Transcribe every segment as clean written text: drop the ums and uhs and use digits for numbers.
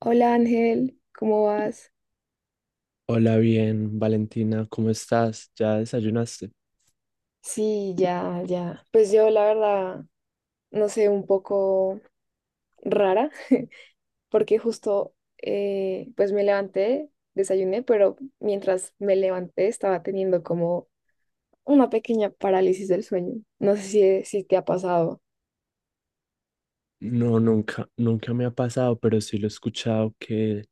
Hola Ángel, ¿cómo vas? Hola, bien, Valentina, ¿cómo estás? ¿Ya desayunaste? Sí, ya, ya. Pues yo la verdad, no sé, un poco rara, porque justo pues me levanté, desayuné, pero mientras me levanté estaba teniendo como una pequeña parálisis del sueño. No sé si te ha pasado. No, nunca me ha pasado, pero sí lo he escuchado que...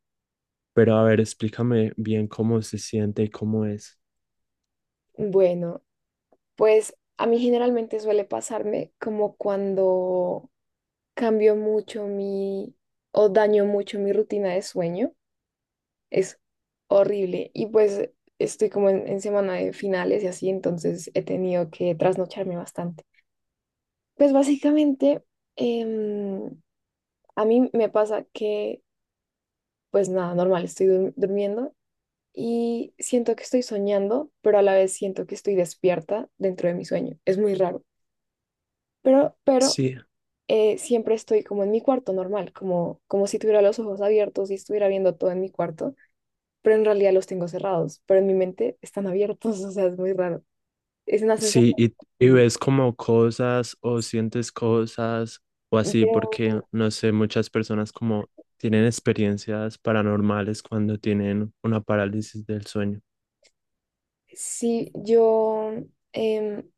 Pero a ver, explícame bien cómo se siente y cómo es. Bueno, pues a mí generalmente suele pasarme como cuando cambio mucho mi o daño mucho mi rutina de sueño. Es horrible. Y pues estoy como en semana de finales y así, entonces he tenido que trasnocharme bastante. Pues básicamente, em, a mí me pasa que, pues nada, normal, estoy durmiendo y siento que estoy soñando, pero a la vez siento que estoy despierta dentro de mi sueño. Es muy raro. Pero Sí, siempre estoy como en mi cuarto normal, como, como si tuviera los ojos abiertos y estuviera viendo todo en mi cuarto, pero en realidad los tengo cerrados, pero en mi mente están abiertos, o sea, es muy raro. Es una sí, sensación y horrible. ves como cosas o sientes cosas o así, Pero porque no sé, muchas personas como tienen experiencias paranormales cuando tienen una parálisis del sueño. sí, yo, em,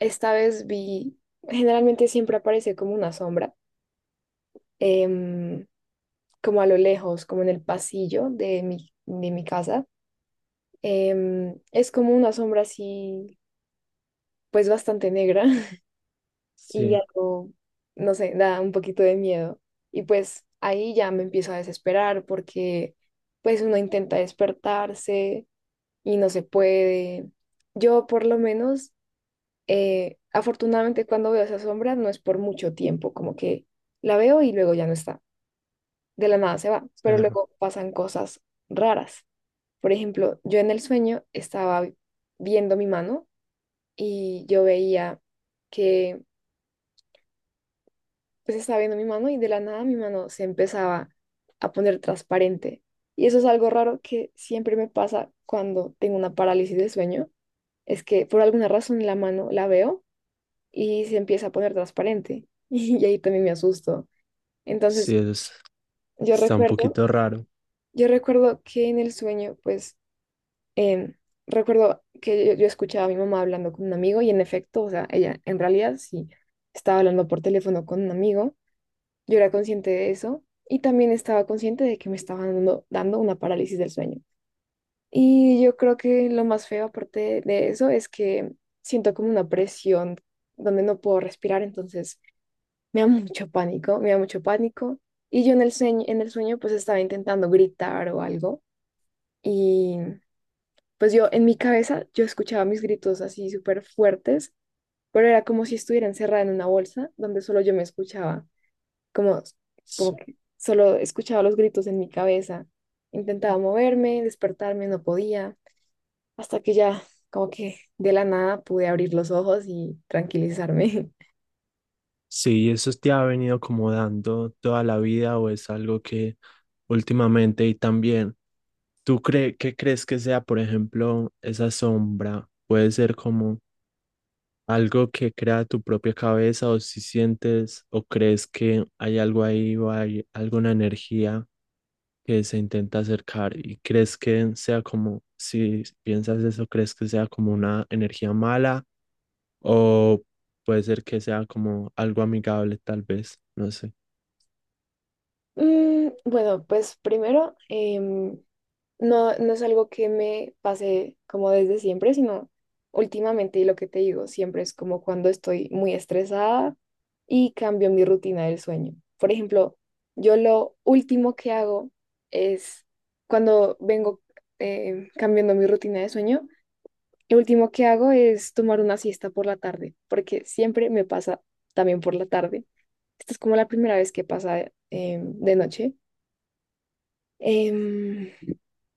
esta vez vi, generalmente siempre aparece como una sombra, em, como a lo lejos, como en el pasillo de de mi casa. Em, es como una sombra así, pues bastante negra, y Sí, algo, no sé, da un poquito de miedo. Y pues ahí ya me empiezo a desesperar porque pues uno intenta despertarse y no se puede. Yo por lo menos, afortunadamente cuando veo esa sombra no es por mucho tiempo, como que la veo y luego ya no está, de la nada se va, pero claro. luego pasan cosas raras. Por ejemplo, yo en el sueño estaba viendo mi mano y yo veía que pues estaba viendo mi mano y de la nada mi mano se empezaba a poner transparente. Y eso es algo raro que siempre me pasa cuando tengo una parálisis de sueño, es que por alguna razón la mano la veo y se empieza a poner transparente. Y ahí también me asusto. Sí, Entonces, eso es- yo está un recuerdo, poquito raro. yo recuerdo que en el sueño, pues, em, recuerdo que yo escuchaba a mi mamá hablando con un amigo y en efecto, o sea, ella en realidad sí estaba hablando por teléfono con un amigo. Yo era consciente de eso y también estaba consciente de que me estaba dando una parálisis del sueño. Y yo creo que lo más feo aparte de eso es que siento como una presión donde no puedo respirar, entonces me da mucho pánico, me da mucho pánico. Y yo en el sueño pues estaba intentando gritar o algo y pues yo en mi cabeza yo escuchaba mis gritos así súper fuertes, pero era como si estuviera encerrada en una bolsa donde solo yo me escuchaba. Como, como Sí. que solo escuchaba los gritos en mi cabeza. Intentaba moverme, despertarme, no podía, hasta que ya como que de la nada pude abrir los ojos y tranquilizarme. Sí, ¿eso te ha venido como dando toda la vida o es algo que últimamente y también, ¿tú cre qué crees que sea, por ejemplo, esa sombra? ¿Puede ser como algo que crea tu propia cabeza o si sientes o crees que hay algo ahí o hay alguna energía que se intenta acercar y crees que sea como, si piensas eso, crees que sea como una energía mala o puede ser que sea como algo amigable tal vez, no sé. Mm, bueno, pues primero, no, no es algo que me pase como desde siempre, sino últimamente, y lo que te digo, siempre es como cuando estoy muy estresada y cambio mi rutina del sueño. Por ejemplo, yo lo último que hago es cuando vengo cambiando mi rutina de sueño, lo último que hago es tomar una siesta por la tarde, porque siempre me pasa también por la tarde. Esta es como la primera vez que pasa de noche. Em,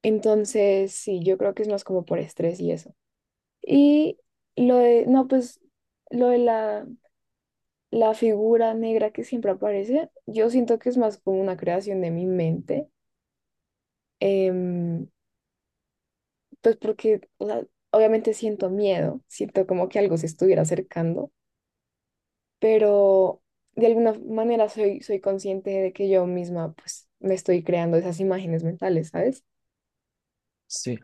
entonces, sí, yo creo que es más como por estrés y eso. Y lo de, no, pues lo de la figura negra que siempre aparece, yo siento que es más como una creación de mi mente, em, pues porque, o sea, obviamente siento miedo, siento como que algo se estuviera acercando, pero de alguna manera soy, soy consciente de que yo misma, pues, me estoy creando esas imágenes mentales, ¿sabes? Sí,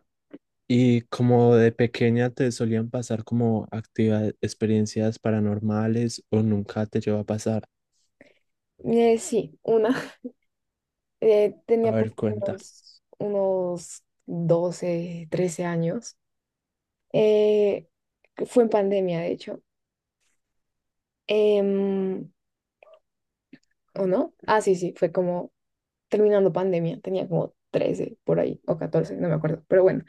y como de pequeña te solían pasar como actividades, experiencias paranormales o nunca te llegó a pasar, Sí, una. A Tenía por ver, cuenta. Unos 12 13 años. Eh, que fue en pandemia, de hecho. Em, ¿o no? Ah, sí, sí, fue como terminando pandemia. Tenía como 13 por ahí, o 14 no me acuerdo. Pero bueno,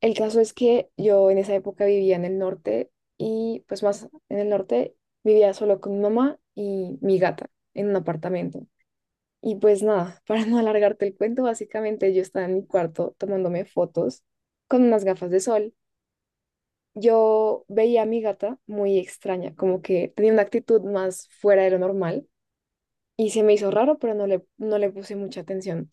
el caso es que yo en esa época vivía en el norte y pues más en el norte vivía solo con mi mamá y mi gata en un apartamento. Y pues nada, para no alargarte el cuento, básicamente yo estaba en mi cuarto tomándome fotos con unas gafas de sol. Yo veía a mi gata muy extraña, como que tenía una actitud más fuera de lo normal y se me hizo raro, pero no le puse mucha atención.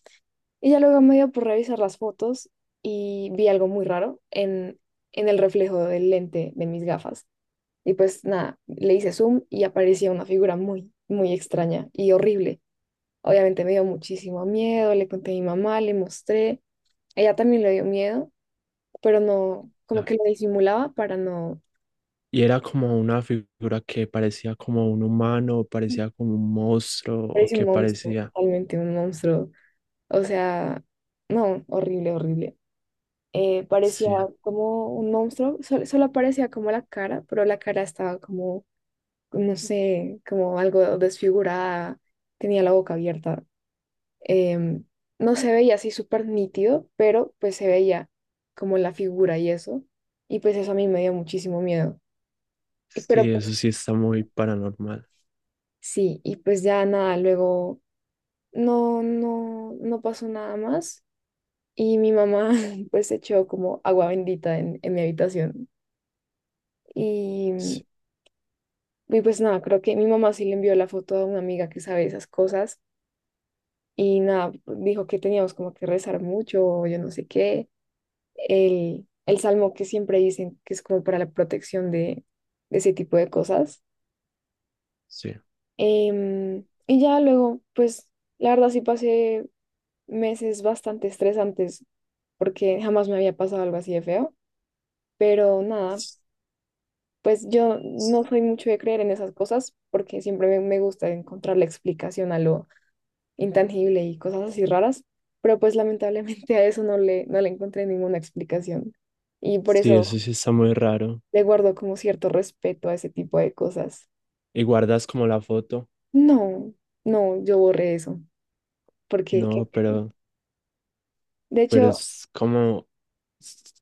Y ya luego me dio por revisar las fotos y vi algo muy raro en el reflejo del lente de mis gafas. Y pues nada, le hice zoom y aparecía una figura muy, muy extraña y horrible. Obviamente me dio muchísimo miedo, le conté a mi mamá, le mostré. Ella también le dio miedo, pero no, como No. que lo disimulaba para no. Y era como una figura que parecía como un humano, parecía como un monstruo o Parece un que monstruo, parecía. totalmente un monstruo. O sea, no, horrible, horrible. Parecía Sí, como un monstruo, solo, parecía como la cara, pero la cara estaba como, no sé, como algo desfigurada, tenía la boca abierta. Em, no se veía así súper nítido, pero pues se veía como la figura y eso. Y pues eso a mí me dio muchísimo miedo. Y, sí, pero pues eso sí está muy paranormal. sí, y pues ya nada, luego no pasó nada más. Y mi mamá pues echó como agua bendita en mi habitación. Y, Sí, y pues nada, creo que mi mamá sí le envió la foto a una amiga que sabe esas cosas. Y nada, dijo que teníamos como que rezar mucho, o yo no sé qué. El el salmo que siempre dicen que es como para la protección de ese tipo de cosas. sí, Em, y ya luego, pues la verdad sí pasé meses bastante estresantes porque jamás me había pasado algo así de feo, pero nada, pues yo no soy mucho de creer en esas cosas porque siempre me gusta encontrar la explicación a lo intangible y cosas así raras, pero pues lamentablemente a eso no le encontré ninguna explicación. Y por sí, eso eso sí está muy raro. le guardo como cierto respeto a ese tipo de cosas. ¿Y guardas como la foto? No, no, yo borré eso, porque No, pero de pero hecho, es como s-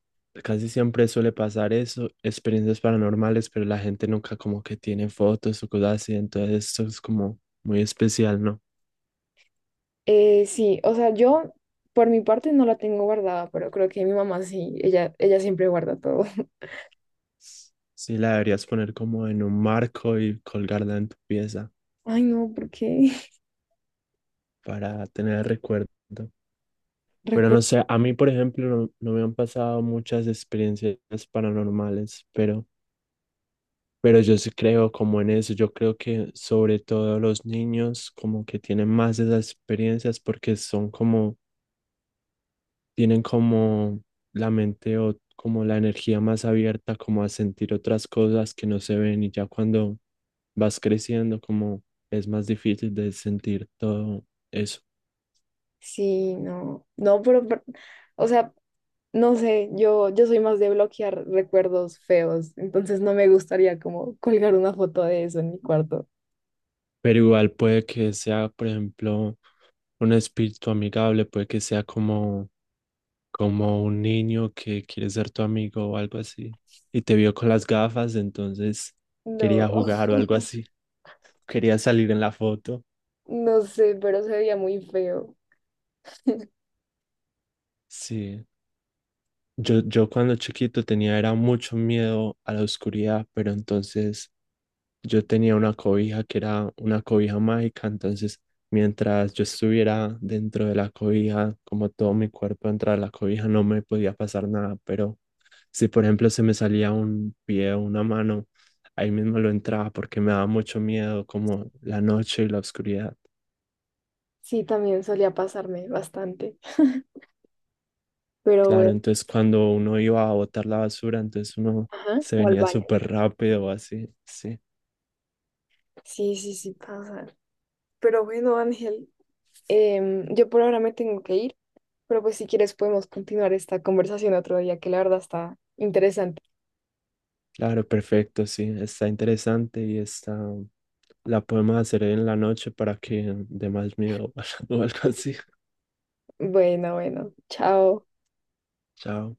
casi siempre suele pasar eso, experiencias paranormales, pero la gente nunca como que tiene fotos o cosas así, entonces eso es como muy especial, ¿no? Sí, o sea, yo por mi parte no la tengo guardada, pero creo que mi mamá sí, ella siempre guarda todo. S- Sí, la deberías poner como en un marco y colgarla en tu pieza Ay, no, porque para tener el recuerdo. Pero no recuerdo, sé, a mí, por ejemplo, no me han pasado muchas experiencias paranormales, pero yo sí creo como en eso, yo creo que sobre todo los niños como que tienen más de esas experiencias porque son como, tienen como la mente o como la energía más abierta como a sentir otras cosas que no se ven y ya cuando vas creciendo como es más difícil de sentir todo eso. sí, no, no, pero, o sea, no sé, yo soy más de bloquear recuerdos feos, entonces no me gustaría como colgar una foto de eso en mi cuarto. Pero igual puede que sea, por ejemplo, un espíritu amigable, puede que sea como como un niño que quiere ser tu amigo o algo así, y te vio con las gafas, entonces No, quería jugar o algo así, quería salir en la foto. no sé, pero se veía muy feo. Sí, yo cuando chiquito tenía era mucho miedo a la oscuridad, pero entonces yo tenía una cobija que era una cobija mágica, entonces mientras yo estuviera dentro de la cobija, como todo mi cuerpo dentro de la cobija, no me podía pasar nada, pero si por ejemplo se me salía un pie o una mano, ahí mismo lo entraba porque me daba mucho miedo como la noche y la oscuridad. Sí, también solía pasarme bastante, pero bueno, Claro, entonces cuando uno iba a botar la basura, entonces uno ajá, se o al venía baño. súper rápido así, sí. Sí, sí, sí pasa. Pero bueno, Ángel, yo por ahora me tengo que ir, pero pues si quieres podemos continuar esta conversación otro día, que la verdad está interesante. Claro, perfecto, sí, está interesante y está. La podemos hacer en la noche para que dé más miedo o algo así. Bueno, bueno, chao. Chao.